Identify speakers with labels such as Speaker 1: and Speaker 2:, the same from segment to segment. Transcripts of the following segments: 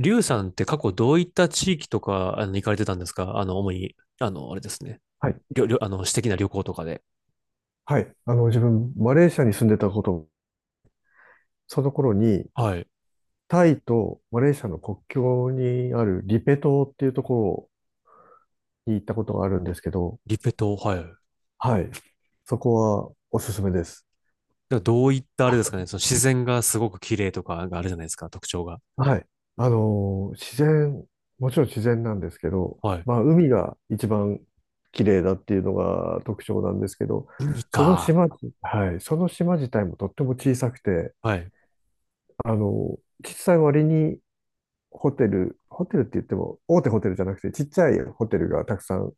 Speaker 1: リュウさんって過去どういった地域とか、行かれてたんですか？主に、あれですね。
Speaker 2: はい。
Speaker 1: りょ、りょ、あの、私的な旅行とかで。
Speaker 2: はい。あの、自分、マレーシアに住んでたこと、その頃に、
Speaker 1: はい。
Speaker 2: タイとマレーシアの国境にあるリペ島っていうところに行ったことがあるんですけど、
Speaker 1: リペ島、はい。で、
Speaker 2: はい。そこはおすすめです。
Speaker 1: どういったあれですかね？その自然がすごく綺麗とかがあるじゃないですか、特徴が。
Speaker 2: はい。自然、もちろん自然なんですけど、
Speaker 1: はい。
Speaker 2: まあ、海が一番綺麗だっていうのが特徴なんですけど、
Speaker 1: 海
Speaker 2: その
Speaker 1: か。
Speaker 2: 島、はい。その島自体もとっても小さくて、
Speaker 1: はい。
Speaker 2: あの、小さい割にホテルって言っても、大手ホテルじゃなくて、ちっちゃいホテルがたくさん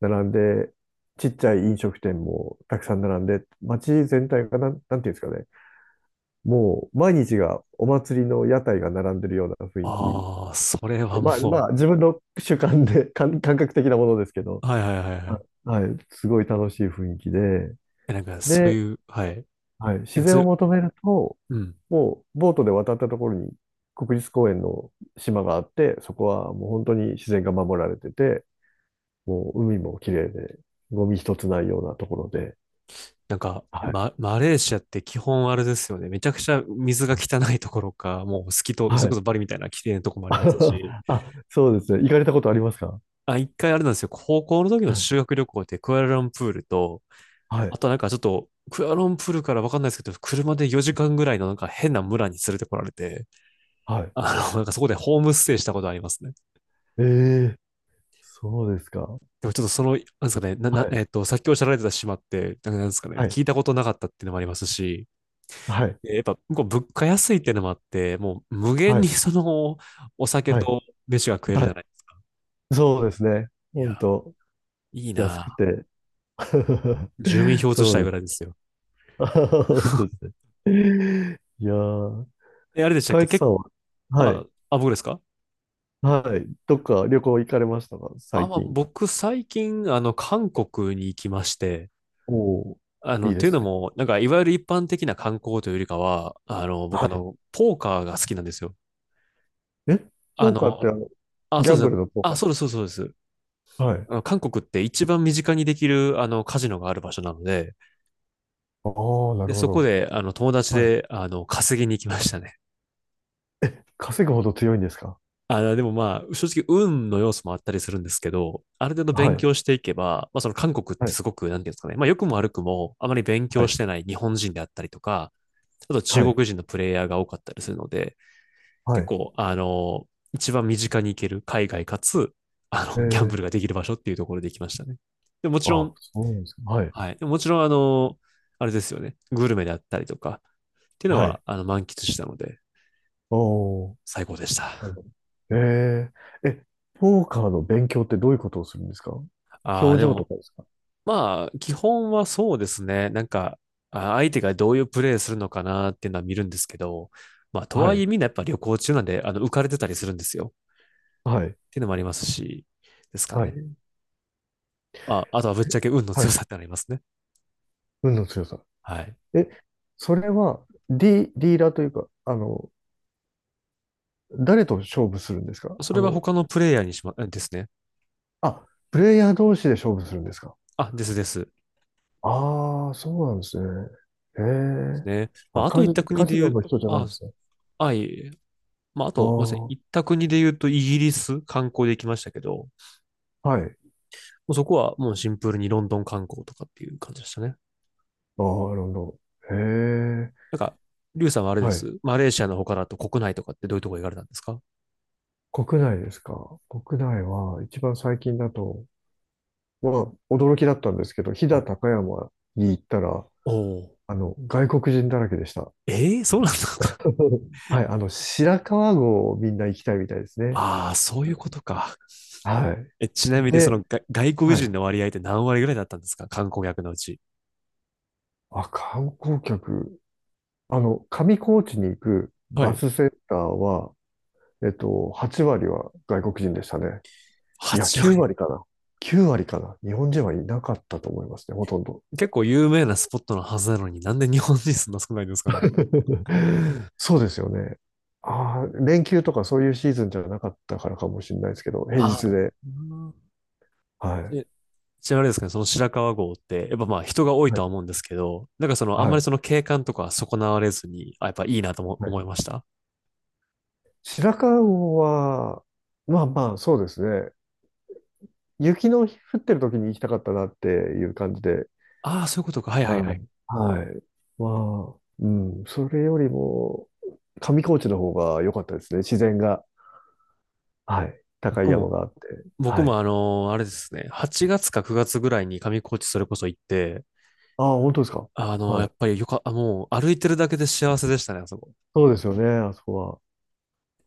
Speaker 2: 並んで、ちっちゃい飲食店もたくさん並んで、街全体がなんていうんですかね、もう毎日がお祭りの屋台が並んでるような雰囲気。
Speaker 1: ああ、それは
Speaker 2: まあ、
Speaker 1: も
Speaker 2: まあ、自分の主観で、感覚的なものですけど、
Speaker 1: う、はいはいはいは
Speaker 2: あ
Speaker 1: い。
Speaker 2: はい、すごい楽しい雰囲気で、
Speaker 1: え、なんかそう
Speaker 2: で、
Speaker 1: いう、はい。
Speaker 2: はい、
Speaker 1: な
Speaker 2: 自
Speaker 1: んかそ
Speaker 2: 然
Speaker 1: う
Speaker 2: を
Speaker 1: いう、
Speaker 2: 求めると、
Speaker 1: うん。
Speaker 2: もうボートで渡ったところに国立公園の島があって、そこはもう本当に自然が守られてて、もう海も綺麗で、ゴミ一つないようなところで、
Speaker 1: なんか、
Speaker 2: はい。
Speaker 1: マレーシアって基本あれですよね。めちゃくちゃ水が汚いところか、もう透き通、そ
Speaker 2: は
Speaker 1: れこ
Speaker 2: い。
Speaker 1: そバリみたいな綺麗なとこもありますし。
Speaker 2: あ、そうですね。行かれたことありますか？
Speaker 1: あ、一回あれなんですよ。高校の時
Speaker 2: は
Speaker 1: の
Speaker 2: い。
Speaker 1: 修学旅行でクアラルンプールと、
Speaker 2: は
Speaker 1: あ
Speaker 2: い。
Speaker 1: となんかちょっと、クアラルンプールからわかんないですけど、車で4時間ぐらいのなんか変な村に連れてこられて、
Speaker 2: はい。
Speaker 1: なんかそこでホームステイしたことありますね。
Speaker 2: ええ、そうですか。
Speaker 1: でもちょっとその、なんですかね、な、な、
Speaker 2: はい。
Speaker 1: えっと、さっきおっしゃられてた島って、なんかなんですかね、
Speaker 2: はい。
Speaker 1: 聞いたことなかったっていうのもありますし、
Speaker 2: はい。
Speaker 1: やっぱ向こう物価安いっていうのもあって、もう無限
Speaker 2: は
Speaker 1: に
Speaker 2: い。
Speaker 1: そのお酒
Speaker 2: はい。
Speaker 1: と飯が食える
Speaker 2: は
Speaker 1: じゃ
Speaker 2: い、
Speaker 1: ないですか。
Speaker 2: そうですね。
Speaker 1: いや、
Speaker 2: 本当
Speaker 1: いい
Speaker 2: 安く
Speaker 1: な。
Speaker 2: て。
Speaker 1: 住民票移し
Speaker 2: そ
Speaker 1: た
Speaker 2: う
Speaker 1: い
Speaker 2: で
Speaker 1: ぐ
Speaker 2: す
Speaker 1: らい
Speaker 2: ね。
Speaker 1: ですよ。
Speaker 2: あ、本当ですね。いやー、
Speaker 1: え、あれでしたっ
Speaker 2: カ
Speaker 1: け？
Speaker 2: イツさんは、はい、
Speaker 1: あ、僕ですか？
Speaker 2: はい、どっか旅行行かれましたか、
Speaker 1: あ、
Speaker 2: 最
Speaker 1: まあ、
Speaker 2: 近。
Speaker 1: 僕最近、韓国に行きまして、
Speaker 2: おお、い
Speaker 1: っ
Speaker 2: いで
Speaker 1: ていうの
Speaker 2: すね。
Speaker 1: も、なんか、いわゆる一般的な観光というよりかは、僕、
Speaker 2: は
Speaker 1: ポーカーが好きなんですよ。
Speaker 2: い。え、
Speaker 1: あ
Speaker 2: ポーカーっ
Speaker 1: の、
Speaker 2: てあの、
Speaker 1: あ、
Speaker 2: ギ
Speaker 1: そ
Speaker 2: ャ
Speaker 1: う
Speaker 2: ン
Speaker 1: です
Speaker 2: ブ
Speaker 1: ね。
Speaker 2: ルのポーカ
Speaker 1: あ、
Speaker 2: ーで
Speaker 1: そう
Speaker 2: す
Speaker 1: です、そうです、そうです。
Speaker 2: か？はい。
Speaker 1: 韓国って一番身近にできる、カジノがある場所なので、
Speaker 2: ああ、な
Speaker 1: で、
Speaker 2: るほ
Speaker 1: そこ
Speaker 2: ど。
Speaker 1: で、友達
Speaker 2: はい。
Speaker 1: で、稼ぎに行きましたね。
Speaker 2: 稼ぐほど強いんですか？
Speaker 1: あ、でもまあ、正直、運の要素もあったりするんですけど、ある程度
Speaker 2: は
Speaker 1: 勉
Speaker 2: い、
Speaker 1: 強していけば、まあ、その韓国っ
Speaker 2: は
Speaker 1: て
Speaker 2: い、
Speaker 1: すごく、なんていうんですかね、まあ、良くも悪くも、あまり勉
Speaker 2: は
Speaker 1: 強
Speaker 2: い、
Speaker 1: してない日本人であったりとか、あと中
Speaker 2: はい、
Speaker 1: 国人のプレイヤーが多かったりするので、
Speaker 2: は
Speaker 1: 結
Speaker 2: い。
Speaker 1: 構、一番身近に行ける海外かつ、
Speaker 2: え
Speaker 1: ギャンブ
Speaker 2: ー、
Speaker 1: ルができる場所っていうところで行きましたね。で、もちろ
Speaker 2: あ、
Speaker 1: ん、
Speaker 2: そうなんですか。はい、
Speaker 1: はい。でもちろん、あれですよね、グルメであったりとか、っていうの
Speaker 2: は
Speaker 1: は、
Speaker 2: い。
Speaker 1: 満喫したので、
Speaker 2: おお、
Speaker 1: 最高でし
Speaker 2: なる
Speaker 1: た。
Speaker 2: ほど。えー、え、ポーカーの勉強ってどういうことをするんですか？
Speaker 1: ああ、
Speaker 2: 表
Speaker 1: で
Speaker 2: 情と
Speaker 1: も、
Speaker 2: かですか？
Speaker 1: まあ、基本はそうですね。なんか、相手がどういうプレーするのかなっていうのは見るんですけど、まあ、と
Speaker 2: は
Speaker 1: はい
Speaker 2: い。
Speaker 1: えみんなやっぱ旅行中なんで、浮かれてたりするんですよ。
Speaker 2: はい。
Speaker 1: っていうのもありますし、ですか
Speaker 2: は
Speaker 1: ね。
Speaker 2: い。
Speaker 1: あ、あとはぶっちゃけ運の
Speaker 2: は
Speaker 1: 強
Speaker 2: い。
Speaker 1: さってありますね。
Speaker 2: 運の強さ。
Speaker 1: はい。
Speaker 2: え、それは、リーダーというか、あの、誰と勝負するんですか？
Speaker 1: そ
Speaker 2: あ
Speaker 1: れは
Speaker 2: の、
Speaker 1: 他のプレイヤーにしま、えですね。
Speaker 2: あ、プレイヤー同士で勝負するんですか？
Speaker 1: あ、ですです。で
Speaker 2: ああー、そうなんですね。へ
Speaker 1: す
Speaker 2: え。
Speaker 1: ね。ま
Speaker 2: あ、
Speaker 1: あ、あと行った国
Speaker 2: カ
Speaker 1: で
Speaker 2: ジ
Speaker 1: 言
Speaker 2: ノ
Speaker 1: う、
Speaker 2: の人じゃないん
Speaker 1: あ、
Speaker 2: ですね。
Speaker 1: あ、いえいえまあ、あ
Speaker 2: あ
Speaker 1: と、ごめんなさい。
Speaker 2: あ、
Speaker 1: 行った国で言うと、イギリス観光で行きましたけど、も
Speaker 2: はい。
Speaker 1: うそこはもうシンプルにロンドン観光とかっていう感じでしたね。
Speaker 2: ああ、なるほど。へえ。
Speaker 1: なんか、リュウさんはあれで
Speaker 2: はい。
Speaker 1: す。マレーシアの他だと国内とかってどういうとこ行かれたんですか？
Speaker 2: 国内ですか。国内は、一番最近だと、まあ、驚きだったんですけど、飛
Speaker 1: は
Speaker 2: 騨
Speaker 1: い。
Speaker 2: 高山に行ったら、
Speaker 1: おおー。
Speaker 2: あの、外国人だらけでした。
Speaker 1: ええー、そうなんだ。
Speaker 2: はい、あの、白川郷をみんな行きたいみたいです ね。
Speaker 1: ああ、そういうことか。
Speaker 2: はい。
Speaker 1: え、ちなみに
Speaker 2: で、
Speaker 1: が外国
Speaker 2: は
Speaker 1: 人の
Speaker 2: い。
Speaker 1: 割合って何割ぐらいだったんですか、観光客のうち？
Speaker 2: あ、観光客。あの、上高地に行く
Speaker 1: は
Speaker 2: バ
Speaker 1: い。
Speaker 2: スセンターは、えっと、8割は外国人でしたね。いや、
Speaker 1: 8
Speaker 2: 9
Speaker 1: 割。
Speaker 2: 割かな。9割かな。日本人はいなかったと思いますね、ほとんど。
Speaker 1: 結構有名なスポットのはずなのになんで日本人そんな少ないんですかね。
Speaker 2: そうですよね。ああ、連休とかそういうシーズンじゃなかったからかもしれないですけど、平
Speaker 1: ああ、
Speaker 2: 日で。
Speaker 1: うん。
Speaker 2: はい。
Speaker 1: えちなみにあれですかね、その白川郷って、やっぱまあ人が多い
Speaker 2: は
Speaker 1: と
Speaker 2: い。
Speaker 1: は思うんですけど、なんかそのあん
Speaker 2: は
Speaker 1: まり
Speaker 2: い。
Speaker 1: その景観とかは損なわれずに、あ、やっぱいいなとも
Speaker 2: はい、
Speaker 1: 思いました。
Speaker 2: 白川郷は、まあまあ、そうですね。雪の降ってる時に行きたかったなっていう感じで。
Speaker 1: ああ、そういうことか。はいはいは
Speaker 2: はい。
Speaker 1: い。
Speaker 2: はい。まあ、うん。それよりも、上高地の方が良かったですね。自然が。はい。高い
Speaker 1: 僕
Speaker 2: 山
Speaker 1: も、
Speaker 2: があって。
Speaker 1: 僕
Speaker 2: は
Speaker 1: も
Speaker 2: い。
Speaker 1: あれですね、8月か9月ぐらいに上高地それこそ行って、
Speaker 2: ああ、本当ですか。は
Speaker 1: やっ
Speaker 2: い。
Speaker 1: ぱりよか、あもう歩いてるだけで幸せでしたね、あそこ。
Speaker 2: そうですよね、あそこ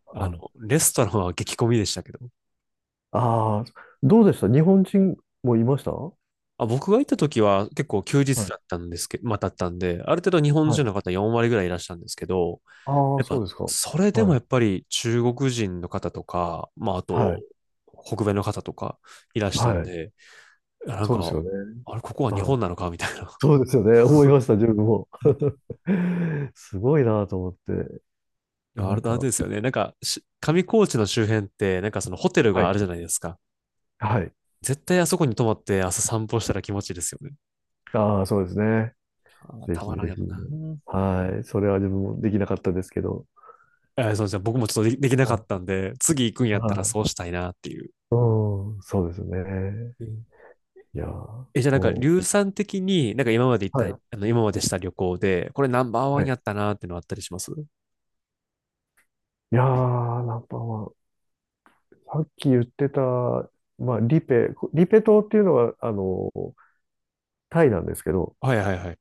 Speaker 2: は。はい、
Speaker 1: レストランは激混みでしたけど。
Speaker 2: ああ、どうでした？日本人もいましたは？
Speaker 1: あ、僕が行った時は結構休日だ
Speaker 2: い。
Speaker 1: ったんですけど、まあ、だったんで、ある程度日本
Speaker 2: は
Speaker 1: 人
Speaker 2: い。
Speaker 1: の方4割ぐらいいらっしゃるんですけど、
Speaker 2: ああ、
Speaker 1: やっ
Speaker 2: そう
Speaker 1: ぱ、
Speaker 2: ですか。
Speaker 1: それでも
Speaker 2: は
Speaker 1: や
Speaker 2: い。
Speaker 1: っぱり中国人の方とか、まあ、あと、
Speaker 2: はい。
Speaker 1: 北米の方とかいらしたん
Speaker 2: はい。
Speaker 1: で、いやなん
Speaker 2: そうです
Speaker 1: か、
Speaker 2: よね。
Speaker 1: あれ、ここは日
Speaker 2: はい、
Speaker 1: 本なのかみたいな。
Speaker 2: そうですよね。思いました、自分も。すごいなと思って。な
Speaker 1: あ
Speaker 2: ん
Speaker 1: れあれ
Speaker 2: か、
Speaker 1: ですよね。なんかし、上高地の周辺って、なんかそのホテル
Speaker 2: は
Speaker 1: があ
Speaker 2: い。
Speaker 1: るじゃないですか。
Speaker 2: はい。
Speaker 1: 絶対あそこに泊まって朝散歩したら気持ちいいですよね。
Speaker 2: ああ、そうですね。
Speaker 1: あー
Speaker 2: ぜ
Speaker 1: た
Speaker 2: ひ
Speaker 1: まらん
Speaker 2: ぜ
Speaker 1: や
Speaker 2: ひ。
Speaker 1: ろな。
Speaker 2: はい。それは自分もできなかったですけど。
Speaker 1: そうじゃ僕もちょっとできなかっ
Speaker 2: は
Speaker 1: たんで、次行くんや
Speaker 2: い。
Speaker 1: ったら
Speaker 2: はい。
Speaker 1: そうしたいなっていう。
Speaker 2: うん、そうですね。
Speaker 1: うん。
Speaker 2: いやー、
Speaker 1: じゃあなんか、
Speaker 2: も
Speaker 1: 硫酸的に、なんか今まで行っ
Speaker 2: う。
Speaker 1: た、
Speaker 2: はい。
Speaker 1: 今までした旅行で、これナンバーワ
Speaker 2: は
Speaker 1: ン
Speaker 2: い。
Speaker 1: やったなっていうのあったりします？
Speaker 2: いやー、ナンパは、さっき言ってた、まあ、リペ島っていうのは、あの、タイなんですけど、
Speaker 1: はいはいはい。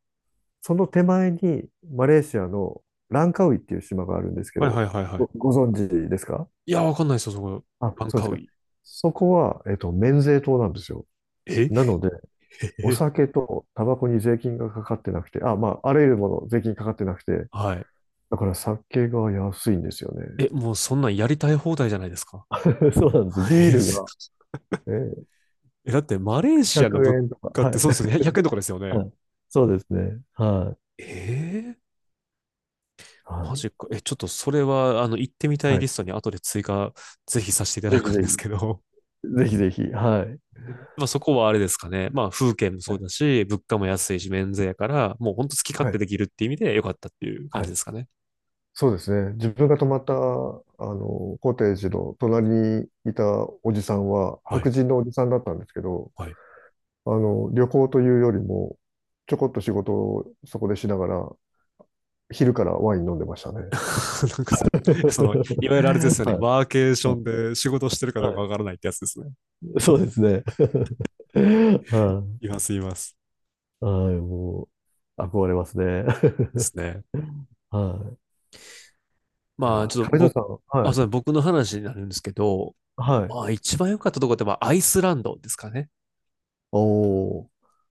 Speaker 2: その手前にマレーシアのランカウイっていう島があるんですけ
Speaker 1: はい
Speaker 2: ど、
Speaker 1: はいはいはい。
Speaker 2: ご存知ですか？
Speaker 1: いや、わかんないですよ、そこ。
Speaker 2: あ、
Speaker 1: バン
Speaker 2: そうで
Speaker 1: カ
Speaker 2: す
Speaker 1: ウ
Speaker 2: か。
Speaker 1: イ。
Speaker 2: そこは、えっと、免税島なんですよ。
Speaker 1: え。
Speaker 2: なので、お 酒とタバコに税金がかかってなくて、あ、まあ、あらゆるもの税金かかってなくて、
Speaker 1: はい。
Speaker 2: だから酒が安いんですよね。
Speaker 1: え、もうそんなんやりたい放題じゃないですか。
Speaker 2: そうなんです、ビールが、えー、
Speaker 1: え、だってマレーシアの
Speaker 2: 100
Speaker 1: 物
Speaker 2: 円とか。
Speaker 1: 価っ
Speaker 2: は
Speaker 1: て
Speaker 2: い。
Speaker 1: そうですよね。100円とかですよ ね。
Speaker 2: はい。そうですね。はい。
Speaker 1: ええ、
Speaker 2: は
Speaker 1: マ
Speaker 2: い。
Speaker 1: ジか。え、ちょっとそれは、行ってみたい
Speaker 2: は
Speaker 1: リ
Speaker 2: い。
Speaker 1: ストに後で追加、ぜひさせていた
Speaker 2: ぜ
Speaker 1: だ
Speaker 2: ひ
Speaker 1: くん
Speaker 2: ぜ
Speaker 1: ですけ
Speaker 2: ひ。
Speaker 1: ど。
Speaker 2: ぜひぜひ。はい。
Speaker 1: まあそこはあれですかね。まあ風景もそ
Speaker 2: は
Speaker 1: う
Speaker 2: い。
Speaker 1: だし、物価も安いし、免税やから、もうほんと好き勝
Speaker 2: は
Speaker 1: 手
Speaker 2: い。
Speaker 1: できるっていう意味で良かったっていう感
Speaker 2: は
Speaker 1: じで
Speaker 2: い、
Speaker 1: すかね。
Speaker 2: そうですね。自分が泊まった、あの、コテージの隣にいたおじさんは、
Speaker 1: は
Speaker 2: 白
Speaker 1: い。
Speaker 2: 人のおじさんだったんですけど、
Speaker 1: はい。
Speaker 2: あの、旅行というよりも、ちょこっと仕事をそこでしながら、昼からワイン飲んでましたね。
Speaker 1: なんかその、いわゆるあれです よね。
Speaker 2: は
Speaker 1: ワーケー
Speaker 2: い。
Speaker 1: シ
Speaker 2: は
Speaker 1: ョ
Speaker 2: い。
Speaker 1: ンで仕事してるかどう
Speaker 2: は
Speaker 1: かわ
Speaker 2: い、
Speaker 1: からないってやつですね。
Speaker 2: そうですね。は
Speaker 1: います、います。
Speaker 2: い。はい。もう、憧れますね。
Speaker 1: ですね。
Speaker 2: はい。いや
Speaker 1: まあ
Speaker 2: ー、
Speaker 1: ちょっと
Speaker 2: 亀田
Speaker 1: 僕、
Speaker 2: さん、
Speaker 1: あ、
Speaker 2: は
Speaker 1: そ
Speaker 2: い。
Speaker 1: うだ、僕の話になるんですけど、
Speaker 2: はい。
Speaker 1: まあ、一番良かったところって、まあ、アイスランドですかね。
Speaker 2: おー。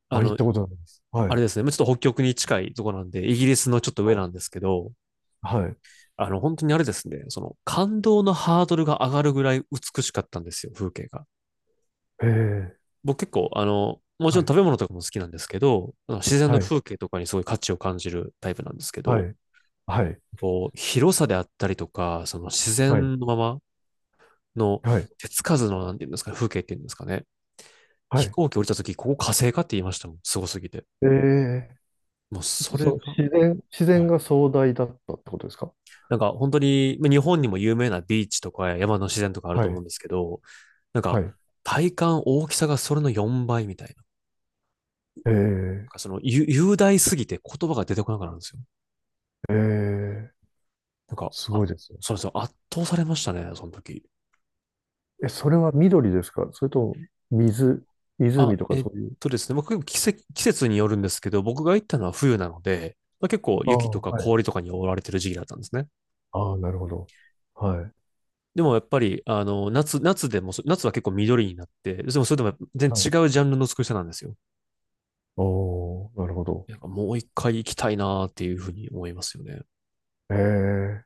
Speaker 1: あ
Speaker 2: あ、行っ
Speaker 1: の、
Speaker 2: たことないです。は
Speaker 1: あ
Speaker 2: い。
Speaker 1: れですね。ちょっと北極に近いところなんで、イギリスのちょっと上
Speaker 2: は
Speaker 1: な
Speaker 2: い。
Speaker 1: んですけど、
Speaker 2: はい。
Speaker 1: 本当にあれですね。その、感動のハードルが上がるぐらい美しかったんですよ、風景が。
Speaker 2: へえ。
Speaker 1: 僕結構、もちろ
Speaker 2: は
Speaker 1: ん
Speaker 2: い、
Speaker 1: 食べ物とかも好きなんですけど、自然の
Speaker 2: はい、
Speaker 1: 風景とかにすごい価値を感じるタイプなんですけ
Speaker 2: は
Speaker 1: ど、
Speaker 2: い、はい、
Speaker 1: こう、広さであったりとか、その自
Speaker 2: はい、
Speaker 1: 然のままの
Speaker 2: はい、
Speaker 1: 手つかずの、なんていうんですかね、風景っていうんですかね。
Speaker 2: は
Speaker 1: 飛
Speaker 2: い。
Speaker 1: 行機降りた時、ここ火星かって言いましたもん。すごすぎて。
Speaker 2: ええ、
Speaker 1: もうそ
Speaker 2: そそ
Speaker 1: れ
Speaker 2: の
Speaker 1: が、
Speaker 2: 自然、自
Speaker 1: は
Speaker 2: 然
Speaker 1: い。
Speaker 2: が壮大だったってことですか？
Speaker 1: なんか本当に、まあ日本にも有名なビーチとか山の自然とかあると
Speaker 2: は
Speaker 1: 思うん
Speaker 2: い、
Speaker 1: ですけど、なん
Speaker 2: は
Speaker 1: か
Speaker 2: い。
Speaker 1: 体感大きさがそれの4倍みたいな。なん
Speaker 2: え
Speaker 1: か
Speaker 2: え、
Speaker 1: その雄大すぎて言葉が出てこなくなるんですよ。
Speaker 2: ええ、
Speaker 1: なんか、
Speaker 2: すご
Speaker 1: あ、
Speaker 2: いですね。
Speaker 1: そうですよ。圧倒されましたね、その時。
Speaker 2: え、それは緑ですか、それとも水、
Speaker 1: あ、
Speaker 2: 湖とかそういう。
Speaker 1: ですね、僕、季節によるんですけど、僕が行ったのは冬なので、まあ、結構
Speaker 2: あ
Speaker 1: 雪
Speaker 2: あ、
Speaker 1: と
Speaker 2: は
Speaker 1: か
Speaker 2: い。
Speaker 1: 氷とかに覆われてる時期だったんですね。
Speaker 2: ああ、なるほど。はい、
Speaker 1: でもやっぱり、夏、夏でもそ、夏は結構緑になって、でもそれでも全
Speaker 2: はい。
Speaker 1: 然違うジャンルの美しさなんですよ。
Speaker 2: おー、なるほど。
Speaker 1: なんかもう一回行きたいなーっていうふうに思いますよね。
Speaker 2: ええ、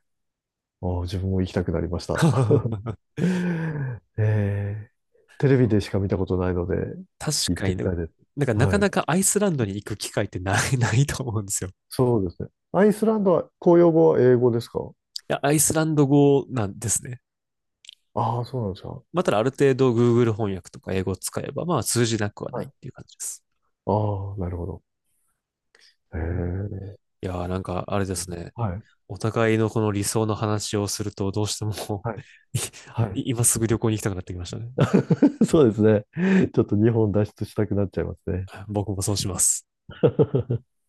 Speaker 2: ああ、自分も行きたくなりました。ええ、テレビ
Speaker 1: あ、
Speaker 2: でしか見たことないので、
Speaker 1: 確
Speaker 2: 行っ
Speaker 1: か
Speaker 2: て
Speaker 1: に
Speaker 2: み
Speaker 1: ね。
Speaker 2: たいです。
Speaker 1: なんかなか
Speaker 2: はい。
Speaker 1: なかアイスランドに行く機会ってない、ないと思うんですよ。い
Speaker 2: そうですね。アイスランドは公用語は英語ですか？
Speaker 1: や、アイスランド語なんですね。
Speaker 2: ああ、そうなんですか。
Speaker 1: まあ、ただある程度 Google 翻訳とか英語を使えば、まあ通じなくはな
Speaker 2: は
Speaker 1: いっ
Speaker 2: い。
Speaker 1: ていう感じです。
Speaker 2: ああ、なるほど。へ
Speaker 1: うん。
Speaker 2: え。
Speaker 1: いやー、なんかあれですね。
Speaker 2: はい。
Speaker 1: お互いのこの理想の話をするとどうしても、
Speaker 2: はい。はい。
Speaker 1: 今すぐ旅行に行きたくなってきましたね。
Speaker 2: そうですね。ちょっと日本脱出したくなっちゃいますね。
Speaker 1: 僕もそうします。